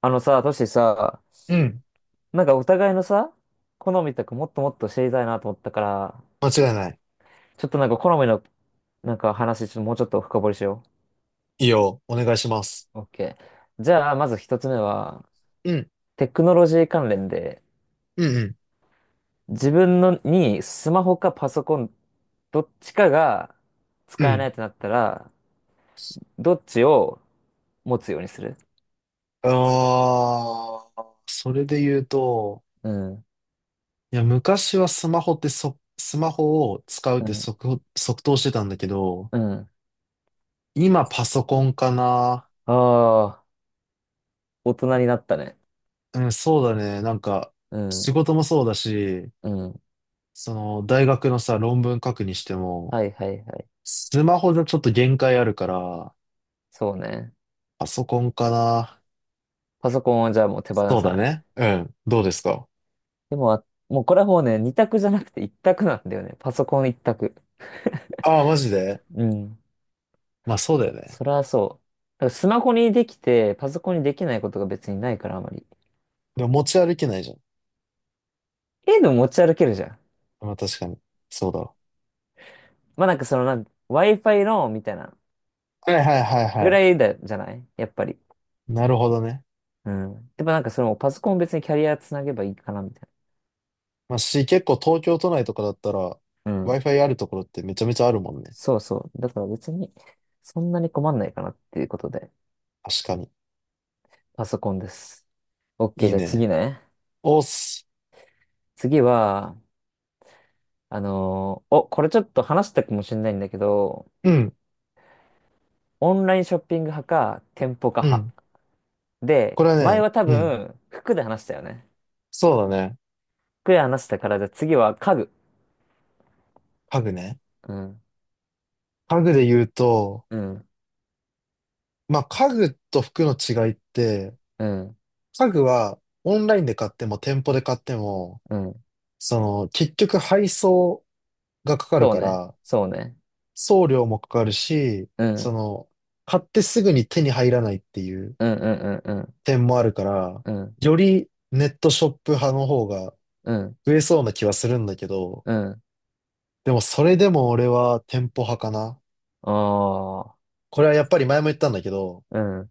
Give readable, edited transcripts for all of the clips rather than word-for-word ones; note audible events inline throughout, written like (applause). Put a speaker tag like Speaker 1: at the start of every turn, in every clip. Speaker 1: あのさ、トシさ、
Speaker 2: うん。
Speaker 1: なんかお互いのさ、好みとかもっともっと知りたいなと思ったから、
Speaker 2: 間違いない。
Speaker 1: ちょっとなんか好みのなんか話、ちょっともうちょっと深掘りしよ
Speaker 2: いいよ。お願いします。
Speaker 1: う。OK。じゃあ、まず一つ目は、
Speaker 2: うん。
Speaker 1: テクノロジー関連で、
Speaker 2: うん、
Speaker 1: 自分のにスマホかパソコン、どっちかが
Speaker 2: うん、う
Speaker 1: 使えない
Speaker 2: ん。
Speaker 1: ってなったら、どっちを持つようにする？
Speaker 2: ああ、それで言うと、
Speaker 1: うん、
Speaker 2: いや、昔はスマホってスマホを使うっ
Speaker 1: う
Speaker 2: て
Speaker 1: ん、
Speaker 2: 即答してたんだけど、
Speaker 1: うん。
Speaker 2: 今パソコンかな。
Speaker 1: ああ、大人になったね。
Speaker 2: うん、そうだね。なんか、
Speaker 1: うん、
Speaker 2: 仕事もそうだし、
Speaker 1: うん。
Speaker 2: その、大学のさ、論文書くにしても、
Speaker 1: はいはいはい。
Speaker 2: スマホじゃちょっと限界あるから、
Speaker 1: そうね。
Speaker 2: パソコンかな。
Speaker 1: パソコンはじゃあもう手放
Speaker 2: そう
Speaker 1: さ
Speaker 2: だ
Speaker 1: ない。
Speaker 2: ね。うん。どうですか？
Speaker 1: でも、あもうこれはもうね、二択じゃなくて一択なんだよね。パソコン一択。
Speaker 2: ああー、マジで？
Speaker 1: うん。
Speaker 2: まあそうだよね。
Speaker 1: それはそう。だからスマホにできて、パソコンにできないことが別にないから、あまり。
Speaker 2: でも持ち歩けないじゃん。
Speaker 1: ええの持ち歩けるじゃん。
Speaker 2: まあ確かに。そうだわ。
Speaker 1: まあなんかそのWi-Fi のみたいな
Speaker 2: はいはいはいは
Speaker 1: ぐら
Speaker 2: い。
Speaker 1: いだ、じゃないやっぱり。
Speaker 2: なるほどね。
Speaker 1: うん。でもなんかそのパソコン別にキャリアつなげばいいかな、みたい
Speaker 2: まあし、結構東京都内とかだったら
Speaker 1: な。うん。
Speaker 2: Wi-Fi あるところってめちゃめちゃあるもんね。
Speaker 1: そうそう。だから別に、そんなに困んないかなっていうことで、
Speaker 2: 確かに。
Speaker 1: パソコンです。OK、
Speaker 2: いい
Speaker 1: じゃあ次
Speaker 2: ね。
Speaker 1: ね。
Speaker 2: おっす。
Speaker 1: 次は、あのーお、これちょっと話したかもしれないんだけど、
Speaker 2: うん。
Speaker 1: オンラインショッピング派か、店舗化
Speaker 2: う
Speaker 1: 派。
Speaker 2: ん。
Speaker 1: で、
Speaker 2: これは
Speaker 1: 前
Speaker 2: ね、
Speaker 1: は多
Speaker 2: うん。
Speaker 1: 分、服で話したよね。
Speaker 2: そうだね。
Speaker 1: 服で話したから、じゃあ次は家具。
Speaker 2: 家具ね。
Speaker 1: うん、
Speaker 2: 家具で言うと、
Speaker 1: うん、
Speaker 2: まあ家具と服の違いって、
Speaker 1: うん、
Speaker 2: 家具はオンラインで買っても店舗で買っても、
Speaker 1: うん。
Speaker 2: その結局配送がかかる
Speaker 1: そう
Speaker 2: か
Speaker 1: ね、
Speaker 2: ら、
Speaker 1: そうね。
Speaker 2: 送料もかかるし、
Speaker 1: うん、う
Speaker 2: そ
Speaker 1: ん、
Speaker 2: の、買ってすぐに手に入らないっていう
Speaker 1: うん、うん、
Speaker 2: 点もあるから、
Speaker 1: うん、
Speaker 2: よりネットショップ派の方が
Speaker 1: うん、うん。
Speaker 2: 増えそうな気はするんだけど、
Speaker 1: うん
Speaker 2: でもそれでも俺は店舗派かな。
Speaker 1: ああ
Speaker 2: これはやっぱり前も言ったんだけど、
Speaker 1: ー、うん、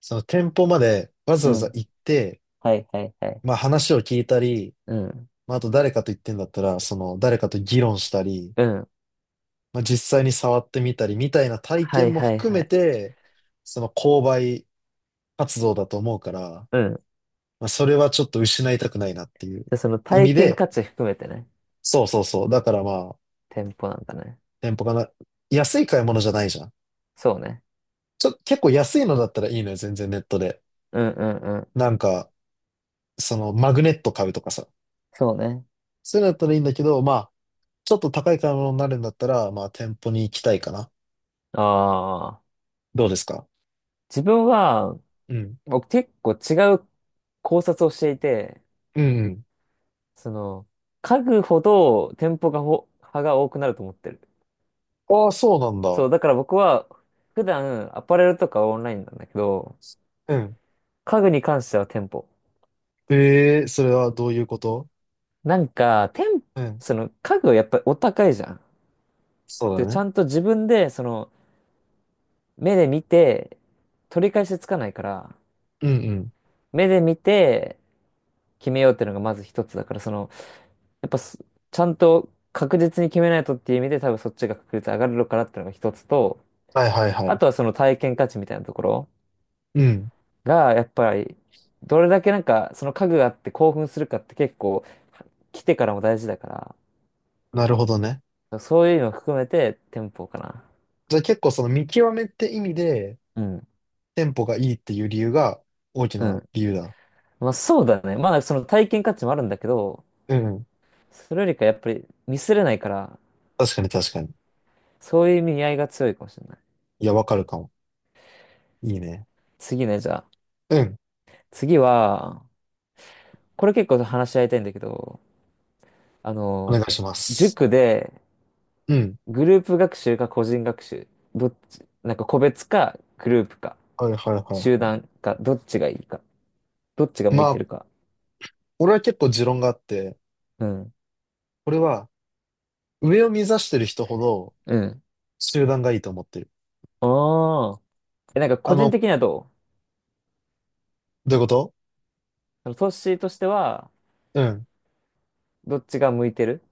Speaker 2: その店舗までわざ
Speaker 1: う
Speaker 2: わざ
Speaker 1: ん。
Speaker 2: 行って、
Speaker 1: はい、はい、はい。
Speaker 2: まあ話を聞いたり、
Speaker 1: うん、
Speaker 2: まああと誰かと言ってんだったら、その誰かと議論したり、
Speaker 1: うん。
Speaker 2: まあ実際に触ってみたりみたいな体
Speaker 1: は
Speaker 2: 験
Speaker 1: い、
Speaker 2: も
Speaker 1: はい、
Speaker 2: 含
Speaker 1: は
Speaker 2: め
Speaker 1: い。
Speaker 2: て、その購買活動だと思うから、
Speaker 1: うん。
Speaker 2: まあ、それはちょっと失いたくないなっていう
Speaker 1: で、その
Speaker 2: 意
Speaker 1: 体
Speaker 2: 味
Speaker 1: 験
Speaker 2: で、
Speaker 1: 価値含めてね、
Speaker 2: そうそうそう。だからまあ、
Speaker 1: 店舗なんだね。
Speaker 2: 店舗かな。安い買い物じゃないじゃん。
Speaker 1: そうね。
Speaker 2: 結構安いのだったらいいのよ、全然ネットで。
Speaker 1: うん、うん、うん。
Speaker 2: なんか、そのマグネット買うとかさ。
Speaker 1: そうね。
Speaker 2: そういうのだったらいいんだけど、まあ、ちょっと高い買い物になるんだったら、まあ、店舗に行きたいかな。
Speaker 1: ああ、
Speaker 2: どうですか？
Speaker 1: 自分は、
Speaker 2: うん。
Speaker 1: 僕結構違う考察をしていて、
Speaker 2: うん。
Speaker 1: その、家具ほど店舗が派が多くなると思ってる。
Speaker 2: ああ、そうなん
Speaker 1: そ
Speaker 2: だ。
Speaker 1: う、だから僕は、普段アパレルとかはオンラインなんだけど、
Speaker 2: うん。
Speaker 1: 家具に関しては店舗。
Speaker 2: ええ、それはどういうこと？
Speaker 1: なんか、
Speaker 2: うん。
Speaker 1: その家具はやっぱりお高いじゃん。
Speaker 2: そう
Speaker 1: で、
Speaker 2: だ
Speaker 1: ちゃ
Speaker 2: ね。
Speaker 1: んと自分で、その、目で見て、取り返しつかないから、
Speaker 2: うんうん。
Speaker 1: 目で見て決めようっていうのがまず一つだから、その、やっぱす、ちゃんと確実に決めないとっていう意味で多分そっちが確率上がるのかなっていうのが一つと、
Speaker 2: はいはいは
Speaker 1: あ
Speaker 2: い。
Speaker 1: とはその体験価値みたいなところ
Speaker 2: うん。
Speaker 1: が、やっぱり、どれだけなんかその家具があって興奮するかって結構、来てからも大事だか
Speaker 2: なるほどね。
Speaker 1: ら、そういうのを含めて店舗かな。
Speaker 2: じゃあ結構その見極めって意味で、
Speaker 1: うん。
Speaker 2: テンポがいいっていう理由が大き
Speaker 1: う
Speaker 2: な
Speaker 1: ん。
Speaker 2: 理由だ。
Speaker 1: まあそうだね。まあその体験価値もあるんだけど、
Speaker 2: うんうん。
Speaker 1: それよりかやっぱりミスれないから、
Speaker 2: 確かに確かに。
Speaker 1: そういう意味合いが強いかもしれない。
Speaker 2: いや、わかるかも。いいね。
Speaker 1: 次ね、じゃあ。
Speaker 2: うん。
Speaker 1: 次は、これ結構話し合いたいんだけど、あ
Speaker 2: お願
Speaker 1: の、
Speaker 2: いします。
Speaker 1: 塾で
Speaker 2: うん。
Speaker 1: グループ学習か個人学習、どっち、なんか個別かグループか
Speaker 2: はいはいは
Speaker 1: 集
Speaker 2: いは
Speaker 1: 団かどっちがいいか、どっちが
Speaker 2: い。
Speaker 1: 向い
Speaker 2: ま
Speaker 1: て
Speaker 2: あ、
Speaker 1: るか。
Speaker 2: 俺は結構持論があって、
Speaker 1: うん。
Speaker 2: これは上を目指してる人ほど
Speaker 1: うん。
Speaker 2: 集団がいいと思ってる。
Speaker 1: ああ。え、なんか
Speaker 2: あ
Speaker 1: 個人
Speaker 2: の、
Speaker 1: 的にはどう？
Speaker 2: どういうこと？
Speaker 1: そのトッシーとしては
Speaker 2: うん。
Speaker 1: どっちが向いてる？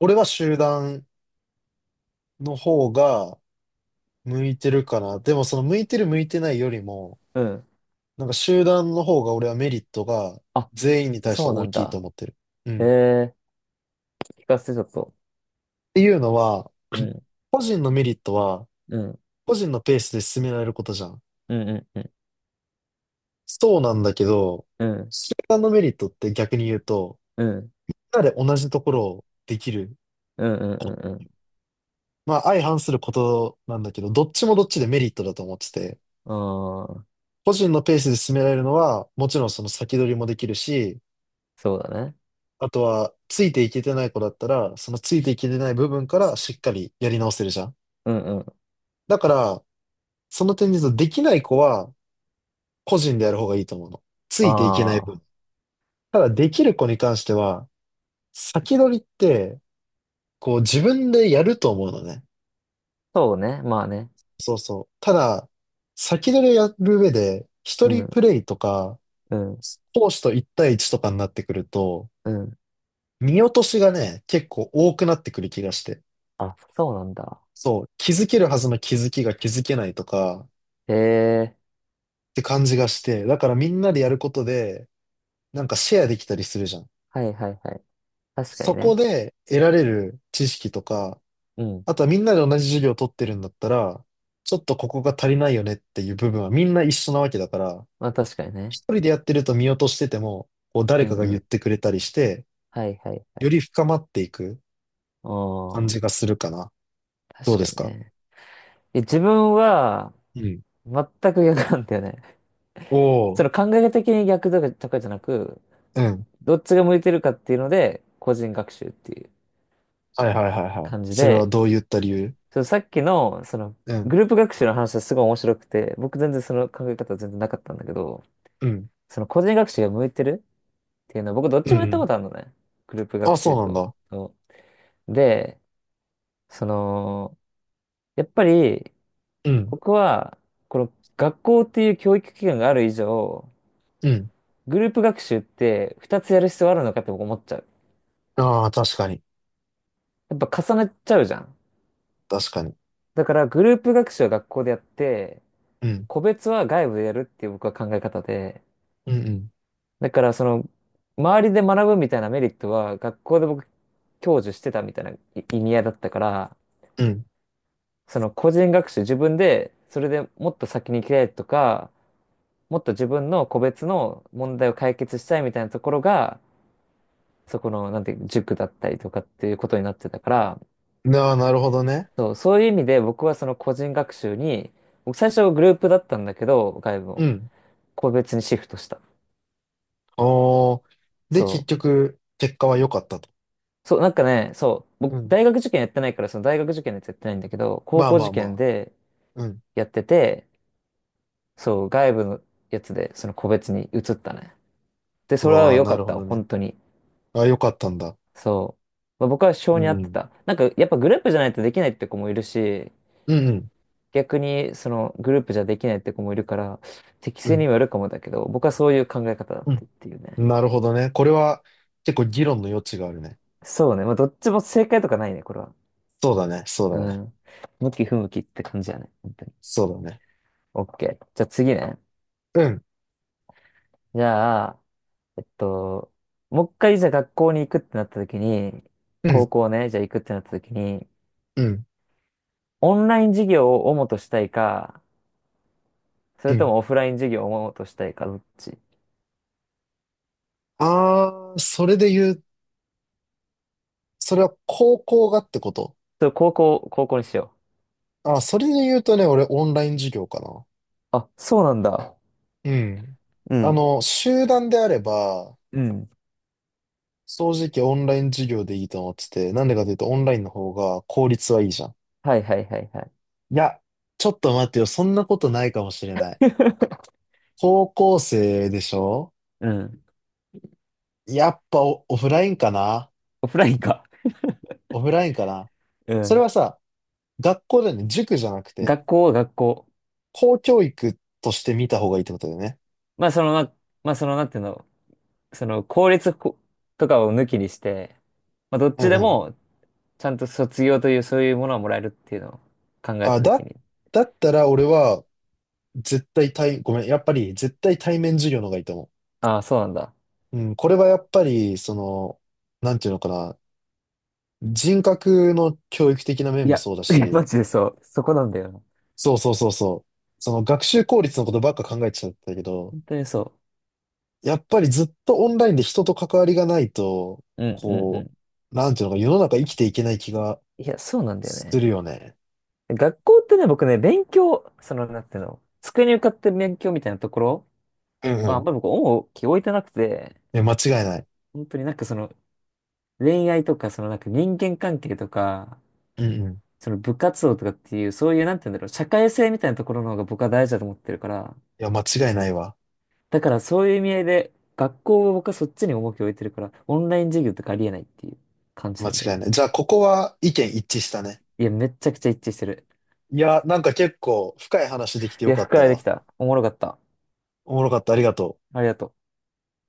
Speaker 2: 俺は集団の方が向いてるかな。でもその向いてる向いてないよりも、
Speaker 1: うん。
Speaker 2: なんか集団の方が俺はメリットが
Speaker 1: あ、
Speaker 2: 全員に対して
Speaker 1: そうな
Speaker 2: 大
Speaker 1: ん
Speaker 2: きいと
Speaker 1: だ。
Speaker 2: 思ってる。う
Speaker 1: へ
Speaker 2: ん。っ
Speaker 1: え、聞かせてちょっと。
Speaker 2: ていうのは、
Speaker 1: うん。
Speaker 2: 個人のメリットは、
Speaker 1: うん。
Speaker 2: 個人のペースで進められることじゃん。
Speaker 1: うんうんうん
Speaker 2: そうなんだけど、
Speaker 1: うん
Speaker 2: 他のメリットって逆に言うと、
Speaker 1: うん
Speaker 2: みんなで同じところをできる。
Speaker 1: うんうんうんうん。
Speaker 2: まあ相反することなんだけど、どっちもどっちでメリットだと思ってて、
Speaker 1: ああー、
Speaker 2: 個人のペースで進められるのは、もちろんその先取りもできるし、
Speaker 1: そうだね。
Speaker 2: あとは、ついていけてない子だったら、そのついていけてない部分からしっかりやり直せるじゃん。
Speaker 1: うんうん。
Speaker 2: だから、その点で言うと、できない子は、個人でやる方がいいと思うの。ついていけない
Speaker 1: ああ、
Speaker 2: 分。ただ、できる子に関しては、先取りって、こう自分でやると思うのね。
Speaker 1: そうね。まあね。
Speaker 2: そうそう。ただ、先取りをやる上で、一
Speaker 1: う
Speaker 2: 人プ
Speaker 1: ん
Speaker 2: レイとか、
Speaker 1: うん
Speaker 2: 講師と一対一とかになってくると、
Speaker 1: うん。
Speaker 2: 見落としがね、結構多くなってくる気がして。
Speaker 1: あ、そうなんだ。
Speaker 2: そう、気づけるはずの気づきが気づけないとか、
Speaker 1: へえ。
Speaker 2: って感じがして、だからみんなでやることで、なんかシェアできたりするじゃん。
Speaker 1: はいはいはい。確かに
Speaker 2: そこ
Speaker 1: ね。
Speaker 2: で得られる知識とか、
Speaker 1: うん。
Speaker 2: あとはみんなで同じ授業を取ってるんだったら、ちょっとここが足りないよねっていう部分はみんな一緒なわけだから、
Speaker 1: まあ確かにね。
Speaker 2: 一人でやってると見落としてても、こう
Speaker 1: う
Speaker 2: 誰
Speaker 1: ん
Speaker 2: かが
Speaker 1: う
Speaker 2: 言っ
Speaker 1: ん。
Speaker 2: てくれたりして、
Speaker 1: はいはいは
Speaker 2: よ
Speaker 1: い。
Speaker 2: り深まっていく
Speaker 1: あ
Speaker 2: 感じが
Speaker 1: あ、
Speaker 2: するかな。どう
Speaker 1: 確
Speaker 2: で
Speaker 1: か
Speaker 2: す
Speaker 1: に
Speaker 2: か？
Speaker 1: ね。いや自分は
Speaker 2: うん。
Speaker 1: 全く逆なんだよね。
Speaker 2: お
Speaker 1: そ
Speaker 2: お、
Speaker 1: の考え的に逆とか、とかじゃなく、
Speaker 2: うん。
Speaker 1: どっちが向いてるかっていうので、個人学習っていう
Speaker 2: はいはいはいはい。
Speaker 1: 感じ
Speaker 2: それは
Speaker 1: で、
Speaker 2: どういった理由？
Speaker 1: そのさっきの、その、
Speaker 2: う
Speaker 1: グ
Speaker 2: ん、
Speaker 1: ループ学習の話はすごい面白くて、僕全然その考え方は全然なかったんだけど、
Speaker 2: うん、
Speaker 1: その個人学習が向いてるっていうの、僕どっ
Speaker 2: うん、
Speaker 1: ち
Speaker 2: う
Speaker 1: もやったこ
Speaker 2: ん。
Speaker 1: とあるのね。グループ学
Speaker 2: あ、そう
Speaker 1: 習
Speaker 2: なん
Speaker 1: と。
Speaker 2: だ。
Speaker 1: とで、その、やっぱり
Speaker 2: うん、
Speaker 1: 僕は、この学校っていう教育機関がある以上、
Speaker 2: うん。
Speaker 1: グループ学習って2つやる必要あるのかって僕思っちゃう。
Speaker 2: ああ、確かに。
Speaker 1: やっぱ重ねちゃうじゃん。
Speaker 2: 確かに。
Speaker 1: だからグループ学習は学校でやって、
Speaker 2: うん、
Speaker 1: 個別は外部でやるっていう僕は考え方で、
Speaker 2: うん、うん、
Speaker 1: だからその、周りで学ぶみたいなメリットは学校で僕享受してたみたいない意味合いだったから、その個人学習、自分で、それでもっと先に行きたいとか、もっと自分の個別の問題を解決したいみたいなところが、そこの、なんていう、塾だったりとかっていうことになってたから、
Speaker 2: うん。ああ、なるほどね。
Speaker 1: そう、そういう意味で僕はその個人学習に、僕最初グループだったんだけど、外部
Speaker 2: う
Speaker 1: も、
Speaker 2: ん。
Speaker 1: 個別にシフトした。
Speaker 2: おー。で、結
Speaker 1: そう。
Speaker 2: 局、結果は良かったと。
Speaker 1: そう、なんかね、そう、
Speaker 2: う
Speaker 1: 僕、
Speaker 2: ん。
Speaker 1: 大学受験やってないから、その大学受験のやつやってないんだけど、高
Speaker 2: まあ
Speaker 1: 校
Speaker 2: ま
Speaker 1: 受
Speaker 2: あま
Speaker 1: 験
Speaker 2: あ。
Speaker 1: で
Speaker 2: うん。
Speaker 1: やってて、そう、外部のやつで、その個別に移ったね。で、
Speaker 2: う
Speaker 1: それは
Speaker 2: わー、
Speaker 1: 良
Speaker 2: な
Speaker 1: かっ
Speaker 2: るほ
Speaker 1: た。
Speaker 2: どね。
Speaker 1: 本当に。
Speaker 2: あ、良かったんだ。
Speaker 1: そう。まあ、僕は
Speaker 2: う
Speaker 1: 性に合って
Speaker 2: ん。
Speaker 1: た。なんか、やっぱグループじゃないとできないって子もいるし、
Speaker 2: うんうん。
Speaker 1: 逆にそのグループじゃできないって子もいるから、適
Speaker 2: う
Speaker 1: 性
Speaker 2: ん。
Speaker 1: にもよるかもだけど、僕はそういう考え方だっ
Speaker 2: う
Speaker 1: てっ
Speaker 2: ん。
Speaker 1: ていうね。
Speaker 2: なるほどね。これは結構議論の余地があるね。
Speaker 1: そうね。まあ、どっちも正解とかないね、これは。
Speaker 2: そうだね。そう
Speaker 1: う
Speaker 2: だね。
Speaker 1: ん。向き不向きって感じやね。本当に。
Speaker 2: そうだね。
Speaker 1: オッケー。じゃあ次ね。
Speaker 2: うん。
Speaker 1: じゃあ、えっと、もう一回じゃあ学校に行くってなった時に、
Speaker 2: う
Speaker 1: 高
Speaker 2: ん。
Speaker 1: 校ね、じゃあ行くってなった時に、
Speaker 2: うん。
Speaker 1: オンライン授業を主としたいか、そ
Speaker 2: う
Speaker 1: れと
Speaker 2: ん。
Speaker 1: もオフライン授業をもっとしたいか、どっち？
Speaker 2: あー、それで言う、それは高校がってこと？
Speaker 1: それ高校、高校にしよ
Speaker 2: あ、それで言うとね、俺オンライン授業かな。
Speaker 1: う。あ、そうなんだ。
Speaker 2: うん。
Speaker 1: う
Speaker 2: あ
Speaker 1: ん。
Speaker 2: の、集団であれば、
Speaker 1: うん。
Speaker 2: 正直オンライン授業でいいと思ってて、なんでかというとオンラインの方が効率はいいじゃん。
Speaker 1: はいはいはいはい。
Speaker 2: いや、ちょっと待ってよ、そんなことないかもしれない。
Speaker 1: (laughs)
Speaker 2: 高校生でしょ？
Speaker 1: うん。
Speaker 2: やっぱオフラインかな。
Speaker 1: オフラインか。
Speaker 2: オフラインかな。
Speaker 1: う
Speaker 2: それ
Speaker 1: ん。
Speaker 2: はさ、学校だよね、塾じゃなくて、
Speaker 1: 学校は学校。
Speaker 2: 公教育として見た方がいいってことだよね。
Speaker 1: まあその、まあ、まあその、なんていうの、その、公立ことかを抜きにして、まあどっ
Speaker 2: う
Speaker 1: ち
Speaker 2: ん
Speaker 1: で
Speaker 2: うん。
Speaker 1: も、ちゃんと卒業という、そういうものはもらえるっていうのを考え
Speaker 2: あ、
Speaker 1: たときに。
Speaker 2: だったら俺は絶対対、ごめん、やっぱり絶対対面授業の方がいいと思
Speaker 1: ああ、そうなんだ。
Speaker 2: う。うん、これはやっぱり、その、なんていうのかな。人格の教育的な
Speaker 1: い
Speaker 2: 面も
Speaker 1: や、
Speaker 2: そうだ
Speaker 1: (laughs) いやマ
Speaker 2: し、
Speaker 1: ジでそう。そこなんだよな。
Speaker 2: そうそうそうそう。その学習効率のことばっか考えちゃったけど、
Speaker 1: 本当にそ
Speaker 2: やっぱりずっとオンラインで人と関わりがないと、
Speaker 1: う。うんうんう
Speaker 2: こ
Speaker 1: ん。
Speaker 2: う、なんていうのか、世の中生きていけない気が
Speaker 1: いや、そうなんだよ
Speaker 2: する
Speaker 1: ね。
Speaker 2: よね。
Speaker 1: 学校ってね、僕ね、勉強、その、なんていうの、机に向かって勉強みたいなところ
Speaker 2: うんう
Speaker 1: は、あ
Speaker 2: ん。
Speaker 1: ん
Speaker 2: い
Speaker 1: まり僕、重きを置いてなくて、
Speaker 2: や、間違いない。
Speaker 1: 本当になんかその、恋愛とか、そのなんか人間関係とか、
Speaker 2: うんうん。い
Speaker 1: その部活動とかっていう、そういう、なんていうんだろう、社会性みたいなところの方が僕は大事だと思ってるから、
Speaker 2: や、間違いないわ。
Speaker 1: だからそういう意味合いで、学校を僕はそっちに重きを置いてるから、オンライン授業とかありえないっていう感じ
Speaker 2: 間
Speaker 1: なんだよ
Speaker 2: 違い
Speaker 1: ね。
Speaker 2: ない。じゃあ、ここは意見一致したね。
Speaker 1: いや、めっちゃくちゃ一致してる。
Speaker 2: いや、なんか結構深い話できて
Speaker 1: い
Speaker 2: よ
Speaker 1: や、
Speaker 2: かった
Speaker 1: 深いでき
Speaker 2: わ。
Speaker 1: た。おもろかった。
Speaker 2: おもろかった。ありがとう。
Speaker 1: ありがとう。